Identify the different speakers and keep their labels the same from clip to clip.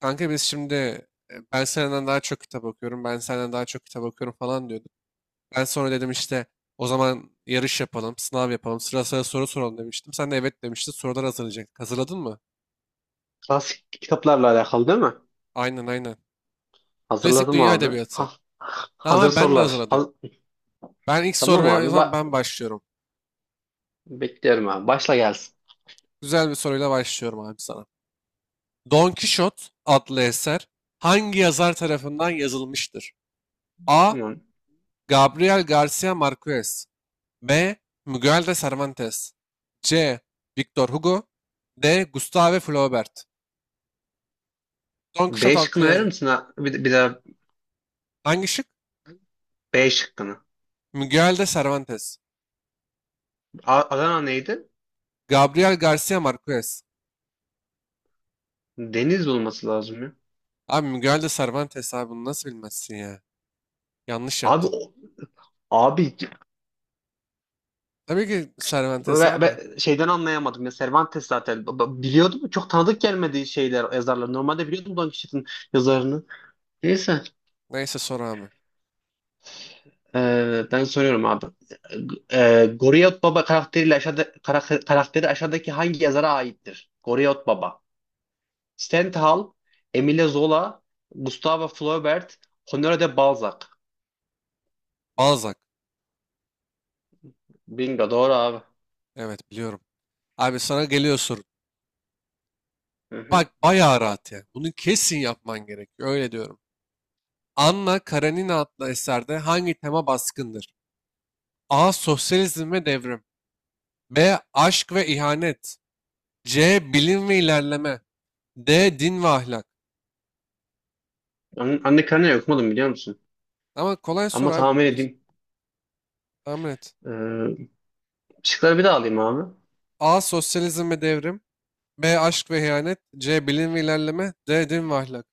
Speaker 1: Kanka biz şimdi ben senden daha çok kitap okuyorum, ben senden daha çok kitap okuyorum falan diyorduk. Ben sonra dedim işte o zaman yarış yapalım, sınav yapalım, sıra sıra soru soralım demiştim. Sen de evet demiştin, sorular hazırlayacaktık. Hazırladın mı?
Speaker 2: Klasik kitaplarla alakalı değil mi?
Speaker 1: Aynen aynen. Klasik
Speaker 2: Hazırladım
Speaker 1: dünya
Speaker 2: abi.
Speaker 1: edebiyatı.
Speaker 2: Ha,
Speaker 1: Tamam
Speaker 2: hazır
Speaker 1: abi, ben de
Speaker 2: sorular.
Speaker 1: hazırladım. Ben ilk
Speaker 2: Tamam
Speaker 1: sormaya o
Speaker 2: abi.
Speaker 1: zaman ben başlıyorum.
Speaker 2: Bekliyorum abi. Başla gelsin.
Speaker 1: Güzel bir soruyla başlıyorum abi sana. Don Kişot adlı eser hangi yazar tarafından yazılmıştır? A.
Speaker 2: Tamam.
Speaker 1: Gabriel Garcia Marquez. B. Miguel de Cervantes. C. Victor Hugo. D. Gustave Flaubert. Don
Speaker 2: B
Speaker 1: Quixote adlı
Speaker 2: şıkkını verir
Speaker 1: yazı.
Speaker 2: misin? Ha? Bir daha
Speaker 1: Hangi şık?
Speaker 2: B şıkkını.
Speaker 1: Miguel de Cervantes.
Speaker 2: Adana neydi?
Speaker 1: Gabriel Garcia Marquez.
Speaker 2: Deniz olması lazım ya.
Speaker 1: Abi Miguel de Cervantes, abi bunu nasıl bilmezsin ya? Yanlış
Speaker 2: Abi
Speaker 1: yaptın.
Speaker 2: o- abi
Speaker 1: Tabii ki Cervantes
Speaker 2: ve,
Speaker 1: abi.
Speaker 2: ve şeyden anlayamadım ya. Cervantes zaten biliyordum. Çok tanıdık gelmedi şeyler yazarlar. Normalde biliyordum Don Quixote'ın yazarını. Neyse.
Speaker 1: Neyse sor abi.
Speaker 2: Ben soruyorum abi. Goriyot Baba karakteriyle karakteri aşağıdaki hangi yazara aittir? Goriyot Baba. Stendhal, Emile Zola, Gustave Flaubert, Honoré de Balzac.
Speaker 1: Balzac.
Speaker 2: Bingo doğru abi.
Speaker 1: Evet biliyorum. Abi sana geliyor soru.
Speaker 2: Hı hı.
Speaker 1: Bak bayağı rahat ya. Bunu kesin yapman gerekiyor. Öyle diyorum. Anna Karenina adlı eserde hangi tema baskındır? A. Sosyalizm ve devrim. B. Aşk ve ihanet. C. Bilim ve ilerleme. D. Din ve ahlak.
Speaker 2: Anne Karenina okumadım biliyor musun?
Speaker 1: Ama kolay
Speaker 2: Ama
Speaker 1: soru abi,
Speaker 2: tahmin
Speaker 1: biliyorsun.
Speaker 2: edeyim.
Speaker 1: Tahmin et.
Speaker 2: Ee, Şıkları bir daha alayım abi.
Speaker 1: A. Sosyalizm ve devrim. B. Aşk ve ihanet. C. Bilim ve ilerleme. D. Din ve ahlak.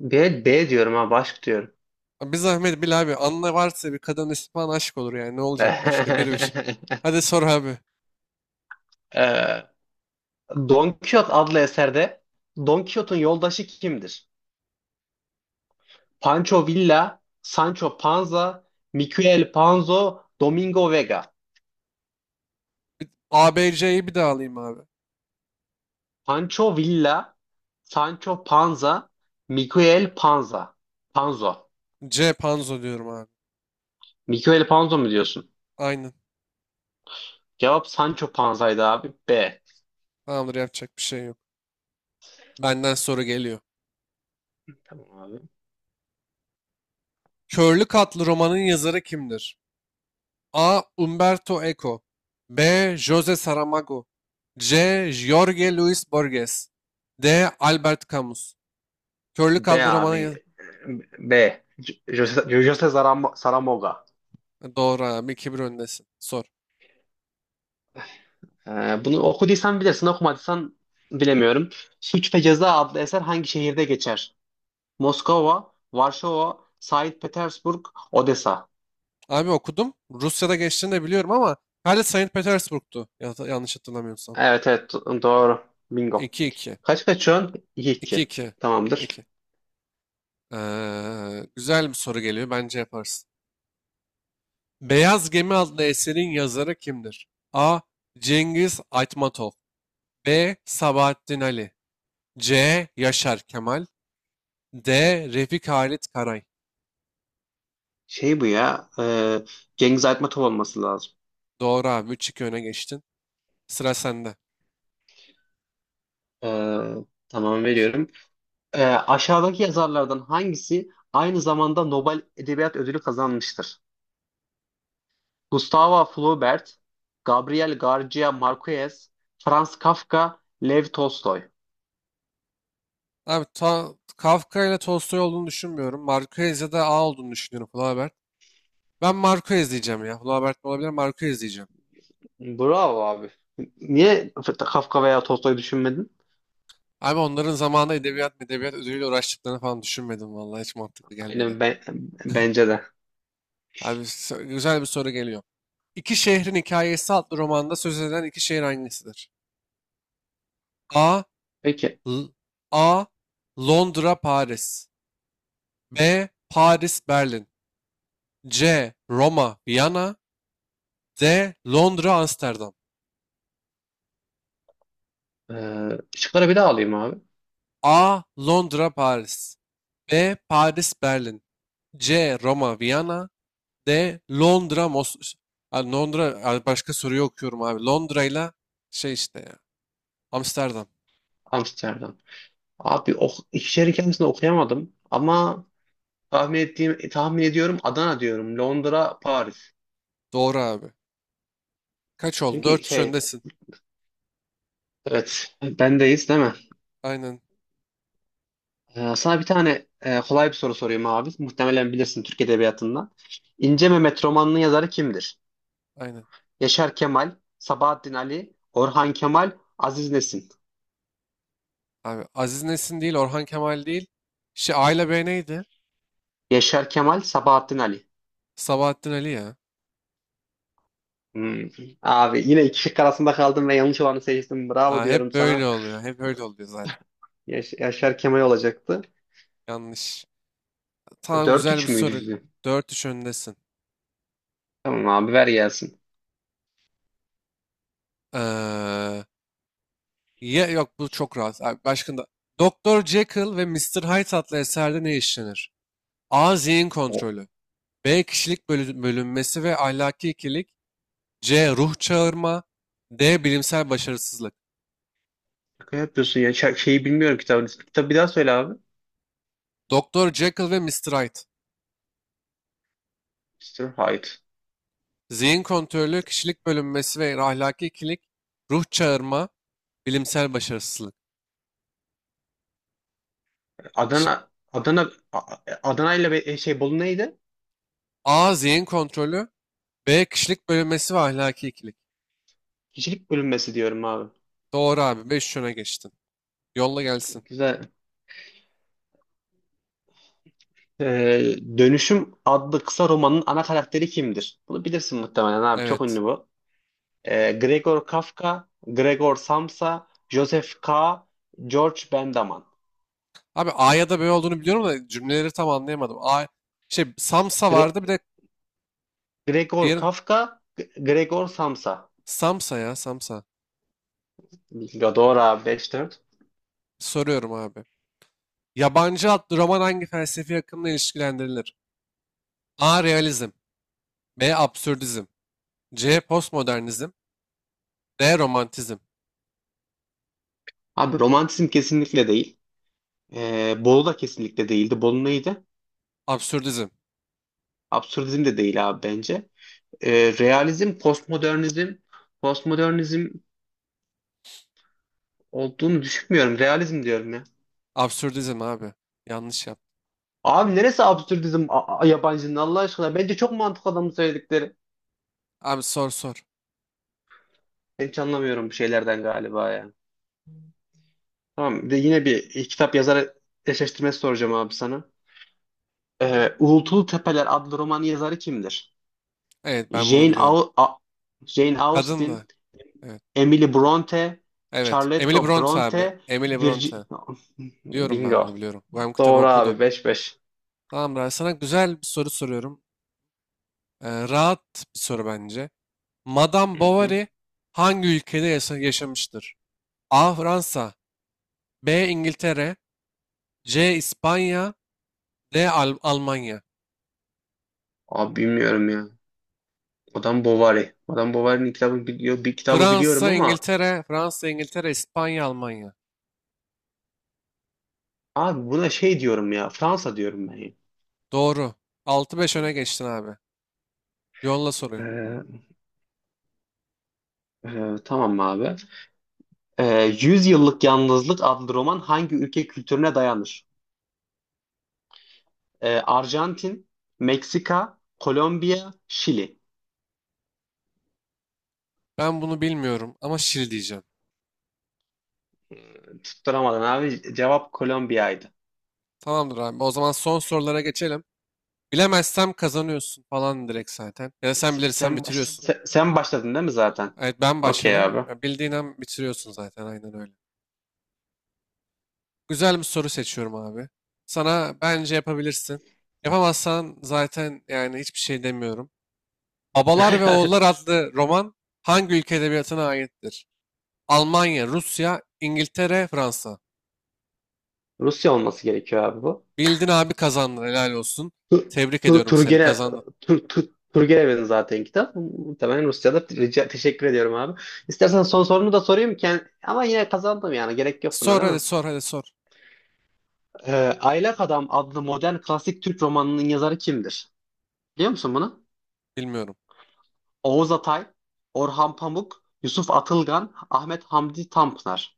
Speaker 2: B, B diyorum abi. Aşk diyorum.
Speaker 1: Abi bir zahmet bil abi. Anla, varsa bir kadın ismi falan aşk olur yani. Ne olacak başka? Bir bir.
Speaker 2: ee,
Speaker 1: Hadi sor abi.
Speaker 2: Don Quixote adlı eserde Don Quixote'un yoldaşı kimdir? Pancho Villa, Sancho Panza, Miquel Panzo, Domingo Vega.
Speaker 1: A, B, C'yi bir daha alayım abi.
Speaker 2: Pancho Villa, Sancho Panza, Miquel Panza. Panzo.
Speaker 1: C. Panzo diyorum abi.
Speaker 2: Miquel Panzo mu diyorsun?
Speaker 1: Aynen.
Speaker 2: Cevap Sancho Panza'ydı abi. B.
Speaker 1: Tamamdır, yapacak bir şey yok. Benden soru geliyor.
Speaker 2: Tamam abi.
Speaker 1: Körlük adlı romanın yazarı kimdir? A. Umberto Eco. B. José Saramago. C. Jorge Luis Borges. D. Albert Camus. Körlü
Speaker 2: B
Speaker 1: Kaldı romanı
Speaker 2: abi. B. Jose Saramoga.
Speaker 1: doğru abi, 2-1 öndesin. Sor.
Speaker 2: Bunu okuduysan bilirsin, okumadıysan bilemiyorum. Suç ve Ceza adlı eser hangi şehirde geçer? Moskova, Varşova, Saint Petersburg, Odessa.
Speaker 1: Abi okudum. Rusya'da geçtiğini de biliyorum ama herhalde Saint Petersburg'tu. Yanlış hatırlamıyorsam.
Speaker 2: Evet evet doğru. Bingo.
Speaker 1: 2-2.
Speaker 2: Kaç kaçıyorsun? 2-2.
Speaker 1: 2-2.
Speaker 2: Tamamdır.
Speaker 1: 2. Güzel bir soru geliyor. Bence yaparsın. Beyaz Gemi adlı eserin yazarı kimdir? A. Cengiz Aytmatov. B. Sabahattin Ali. C. Yaşar Kemal. D. Refik Halit Karay.
Speaker 2: Şey bu ya. Cengiz Aytmatov olması lazım.
Speaker 1: Doğru abi. 3-2 öne geçtin. Sıra sende.
Speaker 2: E, tamam veriyorum. Aşağıdaki yazarlardan hangisi aynı zamanda Nobel Edebiyat Ödülü kazanmıştır? Gustavo Flaubert, Gabriel García Márquez, Franz Kafka, Lev Tolstoy.
Speaker 1: Abi Kafka ile Tolstoy olduğunu düşünmüyorum. Marquez ya da A olduğunu düşünüyorum, Flaubert. Ben Marquez diyeceğim ya. Flaubert mi olabilir? Marquez diyeceğim.
Speaker 2: Bravo abi. Niye Kafka veya Tolstoy düşünmedin?
Speaker 1: Abi onların zamanında edebiyat ödülüyle uğraştıklarını falan düşünmedim, vallahi hiç mantıklı gelmedi.
Speaker 2: Aynen ben, bence de.
Speaker 1: Abi güzel bir soru geliyor. İki Şehrin Hikayesi adlı romanda söz edilen iki şehir hangisidir? A.
Speaker 2: Peki.
Speaker 1: L- A. Londra, Paris. B. Paris, Berlin. C. Roma, Viyana. D. Londra, Amsterdam.
Speaker 2: Ee, Şıkları bir daha alayım abi.
Speaker 1: A. Londra, Paris. B. Paris, Berlin. C. Roma, Viyana. D. Londra, ha, Londra, ha, başka soruyu okuyorum abi. Londra ile şey işte ya. Amsterdam.
Speaker 2: Amsterdam. Abi o iki şehrin kendisini okuyamadım ama tahmin ediyorum Adana diyorum. Londra, Paris.
Speaker 1: Doğru abi. Kaç oldu?
Speaker 2: Çünkü
Speaker 1: Dört üç
Speaker 2: şey
Speaker 1: öndesin.
Speaker 2: evet bendeyiz değil mi?
Speaker 1: Aynen,
Speaker 2: Sana bir tane kolay bir soru sorayım abi. Muhtemelen bilirsin Türk Edebiyatı'ndan. İnce Mehmet romanının yazarı kimdir?
Speaker 1: aynen.
Speaker 2: Yaşar Kemal, Sabahattin Ali, Orhan Kemal, Aziz Nesin.
Speaker 1: Abi Aziz Nesin değil, Orhan Kemal değil. Şey, A ile B neydi?
Speaker 2: Yaşar Kemal, Sabahattin Ali.
Speaker 1: Sabahattin Ali ya.
Speaker 2: Hmm. Abi yine iki şık arasında kaldım ve yanlış olanı seçtim. Bravo
Speaker 1: Ha,
Speaker 2: diyorum
Speaker 1: hep böyle
Speaker 2: sana.
Speaker 1: oluyor. Hep öyle oluyor zaten.
Speaker 2: Yaşar Kemal olacaktı.
Speaker 1: Yanlış. Tamam,
Speaker 2: Dört
Speaker 1: güzel bir
Speaker 2: üç müydü
Speaker 1: soru.
Speaker 2: bizim?
Speaker 1: Dört 3 öndesin.
Speaker 2: Tamam abi ver gelsin.
Speaker 1: Ee, ya, yok bu çok rahat. Abi, başka da. Doktor Jekyll ve Mr. Hyde adlı eserde ne işlenir? A. Zihin
Speaker 2: O.
Speaker 1: kontrolü. B. Kişilik bölünmesi ve ahlaki ikilik. C. Ruh çağırma. D. Bilimsel başarısızlık.
Speaker 2: Şaka yapıyorsun ya. Şeyi bilmiyorum kitabın ismi. Kitabı bir daha söyle abi.
Speaker 1: Doktor Jekyll ve Mr. Hyde.
Speaker 2: Mr. Hyde.
Speaker 1: Zihin kontrolü, kişilik bölünmesi ve ahlaki ikilik. Ruh çağırma, bilimsel başarısızlık. Şık.
Speaker 2: Adana Adana Adana ile şey Bolu neydi?
Speaker 1: A. Zihin kontrolü. B. Kişilik bölünmesi ve ahlaki ikilik.
Speaker 2: Kişilik bölünmesi diyorum abi.
Speaker 1: Doğru abi. 5 öne geçtin. Yolla gelsin.
Speaker 2: Güzel. Dönüşüm adlı kısa romanın ana karakteri kimdir? Bunu bilirsin muhtemelen abi. Çok
Speaker 1: Evet.
Speaker 2: ünlü bu. Gregor Kafka, Gregor Samsa, Joseph K. George Bendaman.
Speaker 1: Abi A ya da B olduğunu biliyorum da cümleleri tam anlayamadım. A, şey, Samsa
Speaker 2: Gre-
Speaker 1: vardı, bir de
Speaker 2: Gregor
Speaker 1: diğerin
Speaker 2: Kafka, Gregor Samsa.
Speaker 1: Samsa ya, Samsa.
Speaker 2: Gadora 5-4.
Speaker 1: Soruyorum abi. Yabancı adlı roman hangi felsefi akımla ilişkilendirilir? A. Realizm. B. Absürdizm. C. Postmodernizm. D. Romantizm.
Speaker 2: Abi romantizm kesinlikle değil. Bolu da kesinlikle değildi. Bolu neydi?
Speaker 1: Absürdizm.
Speaker 2: Absürdizm de değil abi bence. Ee, Realizm, postmodernizm. Postmodernizm olduğunu düşünmüyorum. Realizm diyorum ya.
Speaker 1: Absürdizm abi. Yanlış yaptım.
Speaker 2: Abi neresi absürdizm yabancının Allah aşkına? Bence çok mantıklı adamın söyledikleri.
Speaker 1: Abi sor sor.
Speaker 2: Ben hiç anlamıyorum bu şeylerden galiba ya. Tamam bir de yine bir kitap yazarı eşleştirmesi soracağım abi sana. Uğultulu Tepeler adlı romanı yazarı kimdir?
Speaker 1: Evet, ben bunu
Speaker 2: Jane,
Speaker 1: biliyorum.
Speaker 2: Au- A- Jane
Speaker 1: Kadın
Speaker 2: Austen,
Speaker 1: da. Evet.
Speaker 2: Emily Bronte,
Speaker 1: Evet.
Speaker 2: Charlotte
Speaker 1: Emily Bronte abi.
Speaker 2: Bronte,
Speaker 1: Emily Bronte.
Speaker 2: Virgi...
Speaker 1: Biliyorum, ben bunu
Speaker 2: Bingo.
Speaker 1: biliyorum. Ben bu kitabı
Speaker 2: Doğru
Speaker 1: okudum.
Speaker 2: abi 5-5.
Speaker 1: Tamam Ray, sana güzel bir soru soruyorum. Rahat bir soru bence. Madame
Speaker 2: Hı hı.
Speaker 1: Bovary hangi ülkede yaşamıştır? A. Fransa. B. İngiltere. C. İspanya. D. Almanya.
Speaker 2: Abi bilmiyorum ya. Madame Bovary. Madame Bovary'nin kitabını biliyor, bir kitabı biliyorum
Speaker 1: Fransa,
Speaker 2: ama
Speaker 1: İngiltere, Fransa, İngiltere, İspanya, Almanya.
Speaker 2: abi buna şey diyorum ya. Fransa diyorum ben.
Speaker 1: Doğru. Altı beş öne geçtin abi. Yolla soruyu.
Speaker 2: Ee, tamam abi. 100 Yıllık Yalnızlık adlı roman hangi ülke kültürüne dayanır? Arjantin, Meksika, Kolombiya, Şili.
Speaker 1: Ben bunu bilmiyorum ama şil diyeceğim.
Speaker 2: Tutturamadın abi. Cevap Kolombiya'ydı.
Speaker 1: Tamamdır abi. O zaman son sorulara geçelim. Bilemezsem kazanıyorsun falan direkt zaten. Ya da sen
Speaker 2: S-
Speaker 1: bilirsen
Speaker 2: Sen, baş-
Speaker 1: bitiriyorsun.
Speaker 2: se- sen başladın değil mi zaten?
Speaker 1: Evet, ben
Speaker 2: Okey
Speaker 1: başladım.
Speaker 2: abi.
Speaker 1: Ya, bildiğin an bitiriyorsun zaten, aynen öyle. Güzel bir soru seçiyorum abi. Sana, bence yapabilirsin. Yapamazsan zaten yani hiçbir şey demiyorum. Babalar ve Oğullar adlı roman hangi ülke edebiyatına aittir? Almanya, Rusya, İngiltere, Fransa.
Speaker 2: Rusya olması gerekiyor abi bu.
Speaker 1: Bildin abi, kazandın, helal olsun.
Speaker 2: Tur,
Speaker 1: Tebrik
Speaker 2: tur,
Speaker 1: ediyorum seni,
Speaker 2: Turgene,
Speaker 1: kazandın.
Speaker 2: tur, tur, Turgenev'in zaten kitap. Muhtemelen Rusya'da. Teşekkür ediyorum abi. İstersen son sorunu da sorayım. Ama yine kazandım yani. Gerek yok buna
Speaker 1: Sor
Speaker 2: değil
Speaker 1: hadi
Speaker 2: mi?
Speaker 1: sor hadi sor.
Speaker 2: Aylak Adam adlı modern klasik Türk romanının yazarı kimdir? Biliyor musun bunu?
Speaker 1: Bilmiyorum.
Speaker 2: Oğuz Atay, Orhan Pamuk, Yusuf Atılgan, Ahmet Hamdi Tanpınar.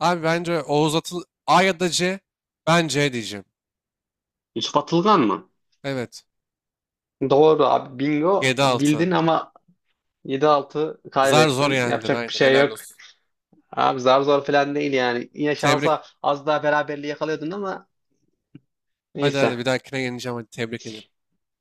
Speaker 1: Abi bence Oğuz Atıl, A ya da C. Ben C diyeceğim.
Speaker 2: Yusuf Atılgan mı?
Speaker 1: Evet.
Speaker 2: Doğru abi bingo
Speaker 1: 7-6.
Speaker 2: bildin ama 7-6
Speaker 1: Zar zor
Speaker 2: kaybettin.
Speaker 1: yendin,
Speaker 2: Yapacak bir
Speaker 1: aynen
Speaker 2: şey
Speaker 1: helal
Speaker 2: yok.
Speaker 1: olsun.
Speaker 2: Abi zar zor falan değil yani. Yine
Speaker 1: Tebrik.
Speaker 2: şansa az daha beraberliği yakalıyordun ama
Speaker 1: Hadi hadi
Speaker 2: neyse.
Speaker 1: bir dahakine geleceğim, hadi tebrik ederim.